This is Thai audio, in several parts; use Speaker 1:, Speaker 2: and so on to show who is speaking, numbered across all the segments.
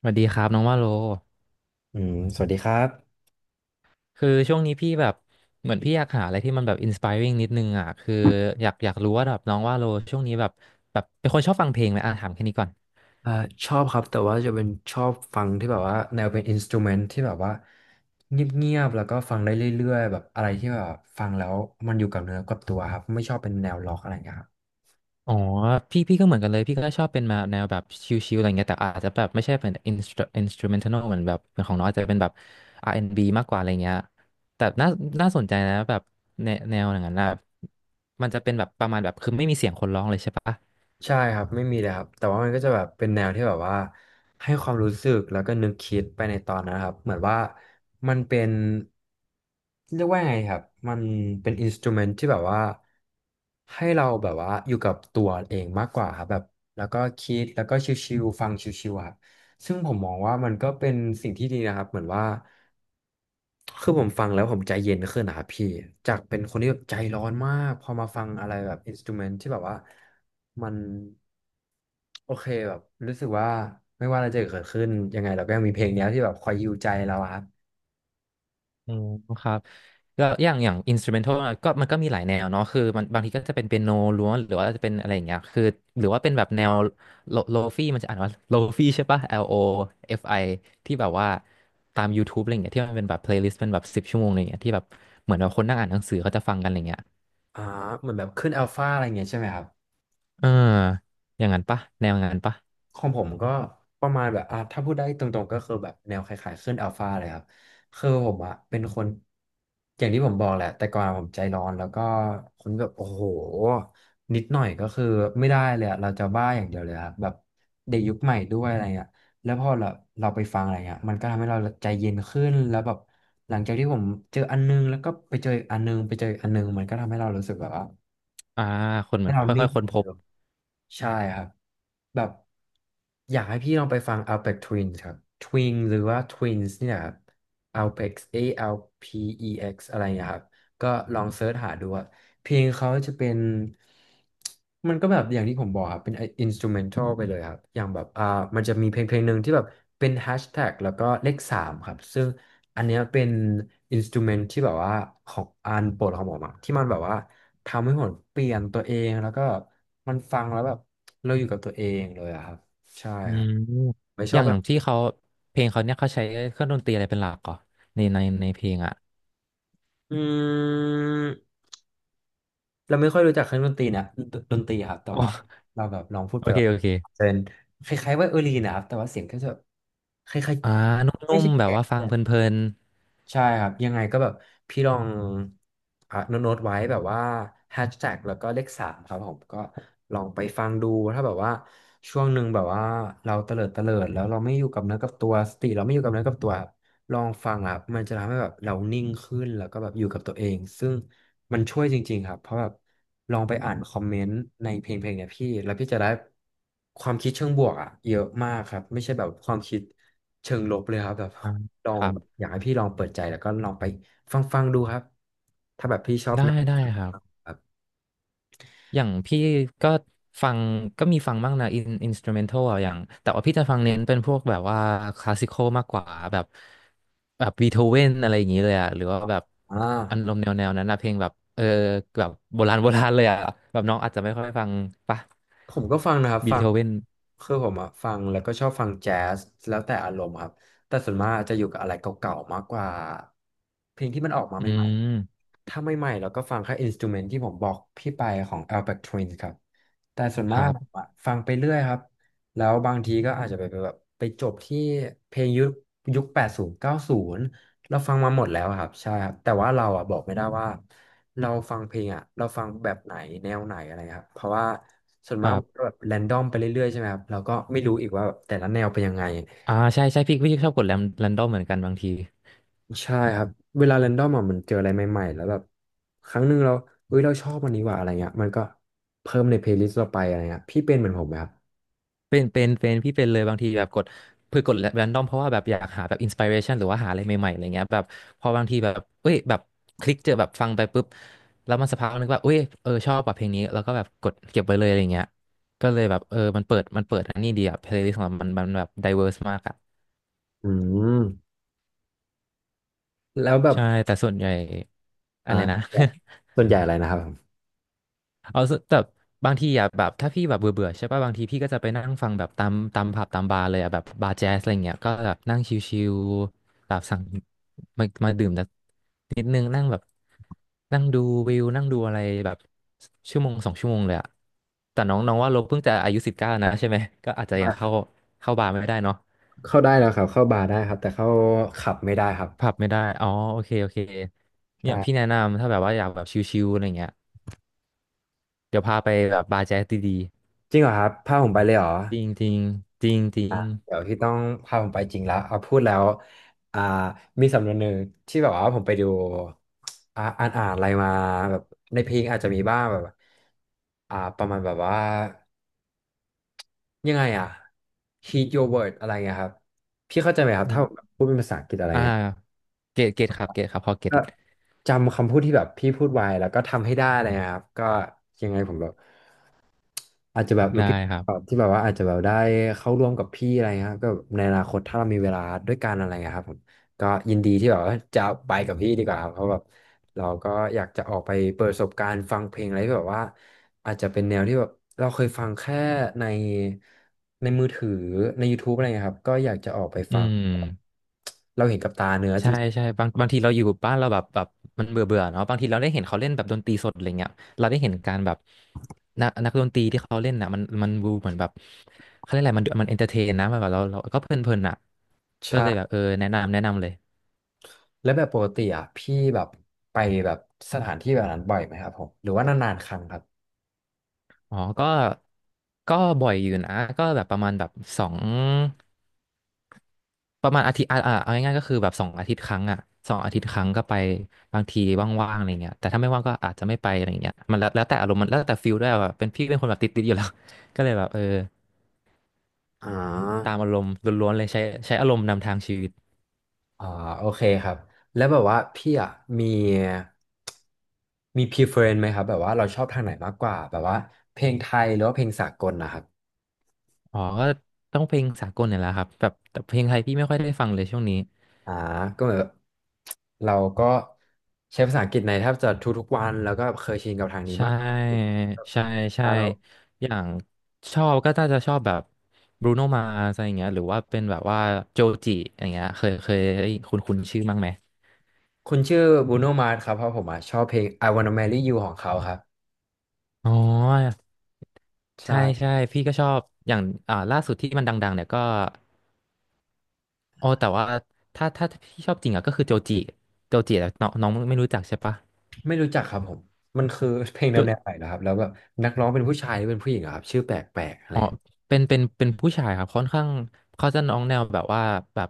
Speaker 1: สวัสดีครับน้องว่าโล
Speaker 2: อืมสวัสดีครับ
Speaker 1: คือช่วงนี้พี่แบบเหมือนพี่อยากหาอะไรที่มันแบบอินส p i r ริ g งนิดนึงอ่ะคืออยากรู้ว่าแบบน้องว่าโลช่วงนี้แบบเป็นคนชอบฟังเพลงไหมอ่ะถามแค่นี้ก่อน
Speaker 2: อ่าชอบครับแต่ว่าจะเป็นชอบฟังที่แบบว่าแนวเป็นอินสตูเมนต์ที่แบบว่าเงียบๆแล้วก็ฟังได้เรื่อยๆแบบอะไรที่แบบฟังแล้วมันอยู่กับเนื้อกับตัวครับไม่ชอบเป็นแนวล็อกอะไรอย่างเงี้ยครับ
Speaker 1: อ๋อพี่ก็เหมือนกันเลยพี่ก็ชอบเป็นมาแนวแบบชิลๆอะไรเงี้ยแต่อาจจะแบบไม่ใช่เป็นอินสตร i n s t r u m e n t a l เหมือนแบบเหมือนของน้องอาจจะเป็นแบบ R&B มากกว่าอะไรเงี้ยแต่น่าสนใจนะแบบแนวอย่างนั้นนะมันจะเป็นแบบประมาณแบบคือไม่มีเสียงคนร้องเลยใช่ปะ
Speaker 2: ใช่ครับไม่มีเลยครับแต่ว่ามันก็จะแบบเป็นแนวที่แบบว่าให้ความรู้สึกแล้วก็นึกคิดไปในตอนนั้นครับเหมือนว่ามันเป็นเรียกว่าไงครับมันเป็นอินสตูเมนต์ที่แบบว่าให้เราแบบว่าอยู่กับตัวเองมากกว่าครับแบบแล้วก็คิดแล้วก็ชิวๆฟังชิวๆอะครับซึ่งผมมองว่ามันก็เป็นสิ่งที่ดีนะครับเหมือนว่า คือผมฟังแล้วผมใจเย็นขึ้นนะครับพี่ จากเป็นคนที่แบบใจร้อนมากพอมาฟังอะไรแบบอินสตูเมนต์ที่แบบว่ามันโอเคแบบรู้สึกว่าไม่ว่าอะไรจะเกิดขึ้นยังไงเราก็ยังมีเพลงเนี้ยที่แบบคอยฮีลใจเราอะครับ
Speaker 1: อืมครับแล้วอย่างอินสตูเมนทัลก็มันก็มีหลายแนวเนาะคือมันบางทีก็จะเป็นเปียโนล้วนหรือว่าจะเป็นอะไรอย่างเงี้ยคือหรือว่าเป็นแบบแนวโลฟี่มันจะอ่านว่าโลฟี่ใช่ปะ L O F I ที่แบบว่าตาม YouTube อะไรเงี้ยที่มันเป็นแบบเพลย์ลิสต์เป็นแบบสิบชั่วโมงอะไรเงี้ยที่แบบเหมือนแบบคนนั่งอ่านหนังสือเขาจะฟังกันอะไรเงี้ย
Speaker 2: อ่าเหมือนแบบขึ้นอัลฟาอะไรเงี้ยใช่ไหมครับ
Speaker 1: เอออย่างนั้นปะแนวงานปะ
Speaker 2: ของผมก็ประมาณแบบอ่ะถ้าพูดได้ตรงๆก็คือแบบแนวคล้ายๆขึ้นอัลฟาเลยครับคือผมอะเป็นคนอย่างที่ผมบอกแหละแต่ก่อนผมใจร้อนแล้วก็คนแบบโอ้โหนิดหน่อยก็คือไม่ได้เลยอะเราจะบ้าอย่างเดียวเลยครับแบบเด็กยุคใหม่ด้วยอะไรเงี้ยแล้วพอเราไปฟังอะไรเงี้ยมันก็ทำให้เราใจเย็นขึ้นแล้วแบบหลังจากที่ผมเจออันนึงแล้วก็ไปเจออีกอันนึงไปเจออีกอันนึงมันก็ทำให้เรารู้สึกแบบว่า
Speaker 1: อ่าคนเหมื
Speaker 2: ให้
Speaker 1: อน
Speaker 2: เรา
Speaker 1: ค่
Speaker 2: นิ่
Speaker 1: อ
Speaker 2: ง
Speaker 1: ยๆค้น
Speaker 2: ก
Speaker 1: พ
Speaker 2: ว่า
Speaker 1: บ
Speaker 2: เดิมใช่ครับแบบอยากให้พี่ลองไปฟัง Alpex Twins ครับ Twins หรือว่า Twins เนี่ยครับ Alpex A L P E X อเอ็กซ์อะไรนะครับ ก็ลองเซิร์ชหาดูอะเพลงเขาจะเป็นมันก็แบบอย่างที่ผมบอกครับเป็นอินสตูเมนทัลไปเลยครับอย่างแบบมันจะมีเพลงหนึ่งที่แบบเป็นแฮชแท็กแล้วก็เลขสามครับซึ่งอันเนี้ยเป็นอินสตูเมนที่แบบว่าของอันโปรดของผมอะที่มันแบบว่าทำให้ผมเปลี่ยนตัวเองแล้วก็มันฟังแล้วแบบเราอยู่กับตัวเองเลยอะครับใช่
Speaker 1: อื
Speaker 2: ครับ
Speaker 1: ม
Speaker 2: ไม่ช
Speaker 1: อ
Speaker 2: อ
Speaker 1: ย่า
Speaker 2: บ
Speaker 1: ง
Speaker 2: อะ
Speaker 1: อ
Speaker 2: ไร
Speaker 1: ย่างที่เขาเพลงเขาเนี่ยเขาใช้เครื่องดนตรีอะไรเป็นหลักก่อนในเพลงอ่ะ
Speaker 2: อืมเราไม่ค่อยรู้จักเครื่องดนตรีครับแต่
Speaker 1: อ๋
Speaker 2: ว่า
Speaker 1: อ
Speaker 2: เราแบบลองพูด
Speaker 1: โอ
Speaker 2: ไป
Speaker 1: เคโอเค
Speaker 2: เป็นคล้ายๆว่าลีนนะครับแต่ว่าเสียงก็จะคล้าย
Speaker 1: อ่าน
Speaker 2: ๆไม่
Speaker 1: ุ่ม
Speaker 2: ใช่
Speaker 1: ๆแบบ
Speaker 2: แกะ
Speaker 1: ว่าฟังเพลิน
Speaker 2: ใช่ครับยังไงก็แบบพี่ลองอ่ะโน้ตๆไว้แบบว่าแฮชแท็กแล้วก็เลขสามครับผมก็ลองไปฟังดูถ้าแบบว่าช่วงหนึ่งแบบว่าเราเตลิดเตลิดแล้วเราไม่อยู่กับเนื้อกับตัวสติเราไม่อยู่กับเนื้อกับตัวครับลองฟังอ่ะมันจะทำให้แบบเรานิ่งขึ้นแล้วก็แบบอยู่กับตัวเองซึ่งมันช่วยจริงๆครับเพราะแบบลองไปอ่านคอมเมนต์ในเพลงเนี่ยพี่แล้วพี่จะได้ความคิดเชิงบวกอ่ะเยอะมากครับไม่ใช่แบบความคิดเชิงลบเลยครับแบบ
Speaker 1: ๆอ่า
Speaker 2: ลอ
Speaker 1: ค
Speaker 2: ง
Speaker 1: รับ
Speaker 2: แบบอยากให้พี่ลองเปิดใจแล้วก็ลองไปฟังดูครับถ้าแบบพี่ชอบ
Speaker 1: ได้
Speaker 2: แนว
Speaker 1: ได้ครับ
Speaker 2: ครับ
Speaker 1: อย่างพี่ก็ฟังก็มีฟังบ้างนะอินอินสตูเมนทัลอย่างแต่ว่าพี่จะฟังเน้นเป็นพวกแบบว่าคลาสสิคอลมากกว่าแบบแบบบีโธเวนอะไรอย่างนี้เลยอะหรือว่าแบบ
Speaker 2: อ่า
Speaker 1: อารมณ์แนวนั้นนะเพลงแบบเออแบบโบราณ โบราณเลยอะแบบน้องอาจจะไม่ค่อยฟังปะ
Speaker 2: ผมก็ฟังนะครับ
Speaker 1: บี
Speaker 2: ฟั
Speaker 1: โธ
Speaker 2: ง
Speaker 1: เวน
Speaker 2: คือผมอะฟังแล้วก็ชอบฟังแจ๊สแล้วแต่อารมณ์ครับแต่ส่วนมากจะอยู่กับอะไรเก่าๆมากกว่าเพลงที่มันออกมา
Speaker 1: อื
Speaker 2: ใหม่
Speaker 1: ม
Speaker 2: ๆถ้าใหม่ๆเราก็ฟังแค่อินสตูเมนต์ที่ผมบอกพี่ไปของ Alpha Twins ครับแต่ส่วน
Speaker 1: ค
Speaker 2: มาก
Speaker 1: รั
Speaker 2: ผม
Speaker 1: บ
Speaker 2: อะฟังไปเรื่อยครับแล้วบางทีก็อาจจะไปแบบไปจบที่เพลงยุค80 90เราฟังมาหมดแล้วครับใช่ครับแต่ว่าเราอะบอกไม่ได้ว่า เราฟังเพลงอ่ะเราฟังแบบไหนแนวไหนอะไรครับเพราะว่าส่วน
Speaker 1: ค
Speaker 2: มาก
Speaker 1: รั
Speaker 2: มันก็
Speaker 1: บ
Speaker 2: แบบแรนดอมไปเรื่อยๆใช่ไหมครับเราก็ไม่รู้อีกว่าแบบแต่ละแนวเป็นยังไง
Speaker 1: อ่าใช่ใช่พี่ชอบกดแรนดอมเหมือนกันบางที
Speaker 2: ใช่ครับเวลาแรนดอมอ่ะมันเจออะไรใหม่ๆแล้วแบบครั้งหนึ่งเราเฮ้ยเราชอบอันนี้ว่ะอะไรเงี้ยมันก็เพิ่มในเพลย์ลิสต์เราไปอะไรเงี้ยพี่เป็นเหมือนผมไหมครับ
Speaker 1: เป็นพี่เป็นเลยบางทีแบบกดเพื่อกดแรนดอมเพราะว่าแบบอยากหาแบบอินส i r เรชันหรือว่าหาอะไรใหม่ๆอะไรเงี้ยแบบพอบางทีแบบเอ้ยแบบคลิกเจอแบบฟังไปปุ๊บแล้วมันสักพักนึงว่าเอ้ยเออชอบแบบเพลงนี้แล้วก็แบบกดเก็บไว้เลยอะไรเงี้ยก็เลยแบบเออมันเปิดอันนี้ดีอะเพลย์ลิสต์ของเรามันแบบไดเวอร์สมากอะ
Speaker 2: อืมแล้วแบบ
Speaker 1: ใช่แต่ส่วนใหญ่อะไรนะ
Speaker 2: อ่า ส่วนใหญ่อะไรนะครับผม
Speaker 1: เอาสแต่บางทีอ่ะแบบถ้าพี่แบบเบื่อเบื่อใช่ป่ะบางทีพี่ก็จะไปนั่งฟังแบบตามผับตามบาร์เลยอ่ะแบบบาร์แจ๊สอะไรเงี้ยก็แบบนั่งชิลๆแบบสั่งมาดื่มแต่นิดนึงนั่งแบบนั่งดูวิวนั่งดูอะไรแบบชั่วโมงสองชั่วโมงเลยอ่ะแต่น้องน้องว่าเราเพิ่งจะอายุสิบเก้านะใช่ไหมก็อาจจะยัง
Speaker 2: ไ
Speaker 1: เข้าเข้าบาร์ไม่ได้เนาะ
Speaker 2: เข้าได้แล้วครับเข้าบาร์ได้ครับแต่เข้าขับไม่ได้ครับ
Speaker 1: ผับไม่ได้อ๋อโอเคโอเคเนี่ยพี่แนะ
Speaker 2: ใช่
Speaker 1: นำถ้าแบบว่าอยากแบบชิลๆอะไรเงี้ยเดี๋ยวพาไปแบบบาร์แจ๊สดี
Speaker 2: จริงเหรอครับพาผมไปเลยเหรอ
Speaker 1: ๆจริงจริงจริงจริ
Speaker 2: อ่ะ
Speaker 1: ง
Speaker 2: เดี๋ยวพี่ต้องพาผมไปจริงแล้วเอาพูดแล้วอ่ามีสำนวนหนึ่งที่แบบว่าผมไปดูอ่าอ่านอ่านอะไรมาแบบในเพลงอาจจะมีบ้างแบบประมาณแบบว่ายังไงอ่ะ heed your word อะไรเงี้ยครับพี่เข้าใจไหมครับ
Speaker 1: อื
Speaker 2: ถ้าผม
Speaker 1: ม
Speaker 2: พูดเป็นภาษาอังกฤษอะไร
Speaker 1: อ่า
Speaker 2: เงี้ย
Speaker 1: เกตเกตครับเกตครับพอเกต
Speaker 2: จำคำพูดที่แบบพี่พูดไว้แล้วก็ทำให้ได้อะไรเลยครับก็ยังไงผมแบบอาจจะแบบ
Speaker 1: ได้
Speaker 2: looking
Speaker 1: ครั
Speaker 2: forward
Speaker 1: บ
Speaker 2: ที่แบบว่าอาจจะแบบได้เข้าร่วมกับพี่อะไรเงี้ยครับก็ในอนาคตถ้าเรามีเวลาด้วยกันอะไรเงี้ยครับผมก็ยินดีที่แบบว่าจะไปกับพี่ดีกว่าครับเพราะแบบเราก็อยากจะออกไปเปิดประสบการณ์ฟังเพลงอะไรที่แบบว่าอาจจะเป็นแนวที่แบบเราเคยฟังแค่ในในมือถือใน YouTube อะไรเงี้ยครับก็อยากจะออกไป
Speaker 1: อื
Speaker 2: ฟัง
Speaker 1: ม
Speaker 2: แบบเราเห็นกับตาเนื้อจ
Speaker 1: ใช่
Speaker 2: ริง
Speaker 1: ใช่บางทีเราอยู่บ้านเราแบบแบบมันเบื่อเบื่อเนาะบางทีเราได้เห็นเขาเล่นแบบดนตรีสดอะไรเงี้ยเราได้เห็นการแบบนักดนตรีที่เขาเล่นน่ะมันดูเหมือนแบบเขาเรียกอะไรมันเอนเตอร์เทนนะมันแบบเราก็เพลินเพลินอ่ะก็เลยแบบ
Speaker 2: ใช่
Speaker 1: เออแนะนำแนะนำเลย
Speaker 2: แล้วแบบปกติอ่ะพี่แบบไปแบบสถานที่แบบนั้นบ่อยไหมครับผมหรือว่านานๆครั้งครับ
Speaker 1: อ๋อก็บ่อยอยู่นะก็แบบประมาณแบบสอง ประมาณอาทิตย์อ่าอ่าเอาง่ายๆก็คือแบบสองอาทิตย์ครั้งอ่ะสองอาทิตย์ครั้งก็ไปบางทีว่างๆอะไรเงี้ยแต่ถ้าไม่ว่างก็อาจจะไม่ไปอะไรเงี้ยมันแล้วแล้วแต่อารมณ์มันแล้วแต่ฟิลด้วยแบบเป็นพี่เป็นคนแบบติดๆอยู่แล้ว ก็เลยแบบเออ
Speaker 2: อ่
Speaker 1: ตา
Speaker 2: า
Speaker 1: มอารมณ์ล้วนๆเลยใช้อารมณ์นำทางชีวิต
Speaker 2: อ่าโอเคครับแล้วแบบว่าพี่อ่ะมีมี preference ไหมครับแบบว่าเราชอบทางไหนมากกว่าแบบว่าเพลงไทยหรือว่าเพลงสากลนะครับ
Speaker 1: อ๋อก็ต้องเพลงสากลเนี่ยแหละครับแบบแต่เพลงไทยพี่ไม่ค่อยได้ฟังเลยช่วงนี้
Speaker 2: อ่าก็เหมือนแบบเราก็ใช้ภาษาอังกฤษในแทบจะทุกๆวันแล้วก็เคยชินกับทางนี้
Speaker 1: ใช่
Speaker 2: มากกว่า
Speaker 1: ใช่
Speaker 2: แล้
Speaker 1: ใช่
Speaker 2: วเรา
Speaker 1: อย่างชอบก็น่าจะชอบแบบบรูโนมา s อะไรอย่างเงี้ยหรือว่าเป็นแบบว่าโจจิอย่างเงี้ยเคยเคยคุ้นคุ้นๆชื่อบ้างไหม
Speaker 2: คุณชื่อบูโนมาร์สครับเพราะผมอ่ะชอบเพลง I Wanna Marry You ของเขาครับ
Speaker 1: อ๋อ
Speaker 2: ใช่
Speaker 1: ใช่ใช่พี่ก็ชอบอย่างอ่าล่าสุดที่มันดังๆเนี่ยก็อ๋อแต่ว่าถ้าพี่ชอบจริงอ่ะก็คือโจจิโจจิอะน้องน้องไม่รู้จักใช่ปะ
Speaker 2: ไม่รู้จักครับผมมันคือ เพลงแน
Speaker 1: โจ
Speaker 2: วแนวไหนเหรอครับแล้วแบบนักร้องเป็นผู้ชายหรือเป็นผู้หญิงเหรอครับชื่อแปลกๆอะ
Speaker 1: อ๋อ
Speaker 2: ไรี
Speaker 1: เป็นผู้ชายครับค่อนข้างเขาจะน้องแนวแบบว่าแบบ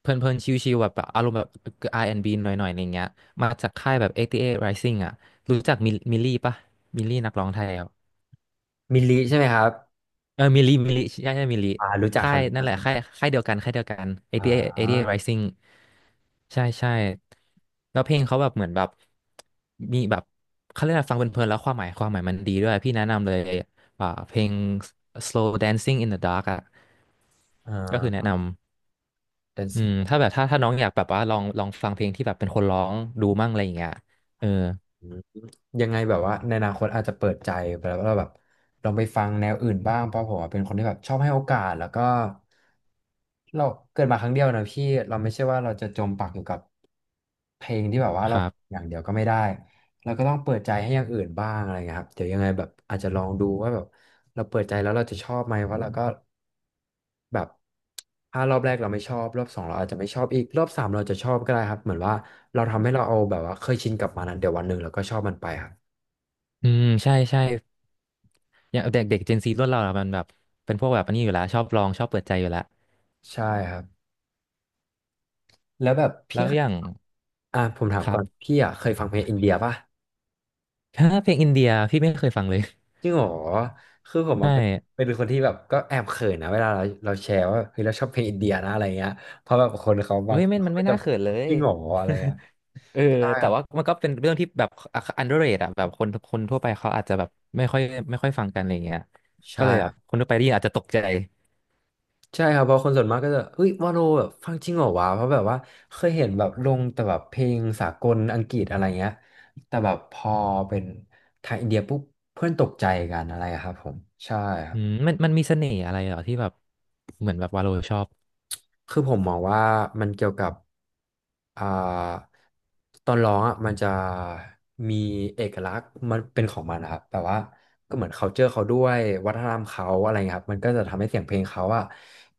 Speaker 1: เพลินเพลินชิวๆแบบแบบอารมณ์แบบ R&B หน่อยๆอะไรเงี้ยมาจากค่ายแบบ88 Rising อ่ะรู้จักมิลลี่ปะมิลลี่นักร้องไทยอ่ะ
Speaker 2: มิลลิใช่ไหมครับ
Speaker 1: เออมิลลิมิลลิใช่ใช่มิลลิ
Speaker 2: อ่ารู้จัก
Speaker 1: ค่า
Speaker 2: ครับ
Speaker 1: ย
Speaker 2: รู้
Speaker 1: นั่
Speaker 2: จั
Speaker 1: น
Speaker 2: ก
Speaker 1: แห
Speaker 2: ค
Speaker 1: ละ
Speaker 2: รั
Speaker 1: ค่าย
Speaker 2: บ
Speaker 1: ค่ายเดียวกันค่ายเดียวกัน a อ
Speaker 2: อ่า
Speaker 1: a ี t อ r i s i n ิบแปด Rising ใช่ใช่แล้วเพลงเขาแบบเหมือนแบบมีแบบเขาเรียกอะไรฟังเพลินๆแล้วความหมายมันดีด้วยพี่แนะนำเลยอ่าเพลง Slow Dancing in the Dark อ่ะ
Speaker 2: อ่
Speaker 1: ก็คือแนะ
Speaker 2: า
Speaker 1: นำอื
Speaker 2: Dancing
Speaker 1: มถ้าแบบถ้าถ้าน้องอยากแบบว่าลองฟังเพลงที่แบบเป็นคนร้องดูมั่งอะไรอย่างเงี้ยเออ
Speaker 2: อืมยังไงแบบว่าในอนาคตอาจจะเปิดใจไปแล้วเราแบบลองไปฟังแนวอื่นบ้าง เพราะผมอะเป็นคนที่แบบชอบให้โอกาสแล้วก็เราเกิดมาครั้งเดียวนะพี่เราไม่ใช่ว่าเราจะจมปักอยู่กับเพลงที่แบบว่า
Speaker 1: ค
Speaker 2: เรา
Speaker 1: รับ
Speaker 2: อย่างเดียวก็ไม่ได้เราก็ต้องเปิดใจให้อย่างอื่นบ้างอะไรเงี้ยครับเดี๋ยวยังไงแบบอาจจะลองดูว่าแบบ เราเปิดใจแล้วเราจะชอบไหมว่าเราก็แบบถ้ารอบแรกเราไม่ชอบรอบสองเราอาจจะไม่ชอบอีกรอบสามเราจะชอบก็ได้ครับเหมือนว่าเราทำให้เราเอาแบบว่าเคยชินกับมันอนเดี๋ยววันหนึ่งเราก็ชอบมันไปครับ
Speaker 1: อืมใช่ใช่อย่างเด็กเด็กเจนซีรุ่นเราอะมันแบบเป็นพวกแบบอันนี้อยู่แล้วชอบลองชอบเปิดใจอยู่แล้ว
Speaker 2: ใช่ครับแล้วแบบ
Speaker 1: แล้
Speaker 2: พี่
Speaker 1: ว
Speaker 2: เค
Speaker 1: อ
Speaker 2: ย
Speaker 1: ย่าง
Speaker 2: อ่ะผมถา
Speaker 1: ค
Speaker 2: ม
Speaker 1: รั
Speaker 2: ก่อน
Speaker 1: บ
Speaker 2: พี่อ่ะเคยฟังเพลงอินเดียป่ะ
Speaker 1: ถ้าเพลงอินเดียพี่ไม่เคยฟังเลย
Speaker 2: จริงเหรอคือผม
Speaker 1: ใช่
Speaker 2: อะเป็นเป็นคนที่แบบก็แอบเขินนะเวลาเราแชร์ว่าเฮ้ยเราชอบเพลงอินเดียนะอะไรเงี้ยเพราะแบบคนเขา
Speaker 1: เฮ้
Speaker 2: บาง
Speaker 1: ย
Speaker 2: ค
Speaker 1: ไม่
Speaker 2: น
Speaker 1: มั
Speaker 2: เขา
Speaker 1: น
Speaker 2: ก็
Speaker 1: ไม่
Speaker 2: จะ
Speaker 1: น่าเขินเล
Speaker 2: จ
Speaker 1: ย
Speaker 2: ริงเหรออะไรเงี้ย
Speaker 1: เออ
Speaker 2: ใช่
Speaker 1: แต่
Speaker 2: ครับ
Speaker 1: ว่ามันก็เป็นเรื่องที่แบบอ underrated อะแบบคนคนทั่วไปเขาอาจจะแบบไม่ค่อยไม่ค่อยฟังกันอะไรเงี้ยก็
Speaker 2: ใช่
Speaker 1: เลยแบ
Speaker 2: ครั
Speaker 1: บ
Speaker 2: บ
Speaker 1: คนทั่วไปได้ยินอาจจะตกใจ
Speaker 2: ใช่ครับเพราะคนส่วนมากก็จะเฮ้ยวาโลแบบฟังจริงเหรอวะเพราะแบบว่าเคยเห็นแบบลงแต่แบบเพลงสากลอังกฤษอะไรเงี้ยแต่แบบพอเป็นไทยอินเดียปุ๊บเพื่อนตกใจกันอะไรอะครับผมใช่ครั
Speaker 1: อื
Speaker 2: บ
Speaker 1: มมันมีเสน่ห์อะไรเหรอที่แบบเหมือนแบบวาโลชอบ
Speaker 2: คือผมมองว่ามันเกี่ยวกับอ่าตอนร้องอ่ะมันจะมีเอกลักษณ์มันเป็นของมันนะครับแบบว่าก็เหมือน culture เขาด้วยวัฒนธรรมเขาอะไรเงี้ยครับมันก็จะทำให้เสียงเพลงเขาอ่ะ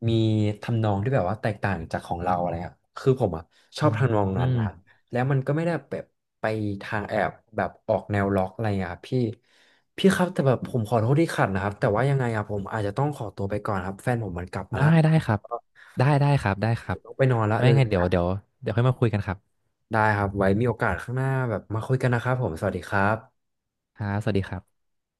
Speaker 2: มีทำนองที่แบบว่าแตกต่างจากของเราอะไรครับคือผมอ่ะชอ
Speaker 1: อื
Speaker 2: บ
Speaker 1: ม
Speaker 2: ทำนอง
Speaker 1: อื
Speaker 2: นั้น
Speaker 1: ม
Speaker 2: นะแล้วมันก็ไม่ได้แบบไปทางแอบแบบออกแนวล็อกอะไรเงี้ยครับพี่ครับแต่แบบผมขอโทษที่ขัดนะครับแต่ว่ายังไงอ่ะผมอาจจะต้องขอตัวไปก่อนครับแฟนผมมันกลับมา
Speaker 1: ได้
Speaker 2: ละ
Speaker 1: ได้ครับได้ได้ครับได้ครับ
Speaker 2: ต้องไปนอนละ
Speaker 1: ไม่
Speaker 2: เดี๋ย
Speaker 1: ไง
Speaker 2: วนี้
Speaker 1: เดี๋ยวเดี๋ยวเดี๋ยวค่อยมาคุยกันครับ
Speaker 2: ได้ครับ ไว้มีโอกาสข้างหน้าแบบมาคุยกันนะครับผมสวัสดีครับ
Speaker 1: ครับสวัสดีครับ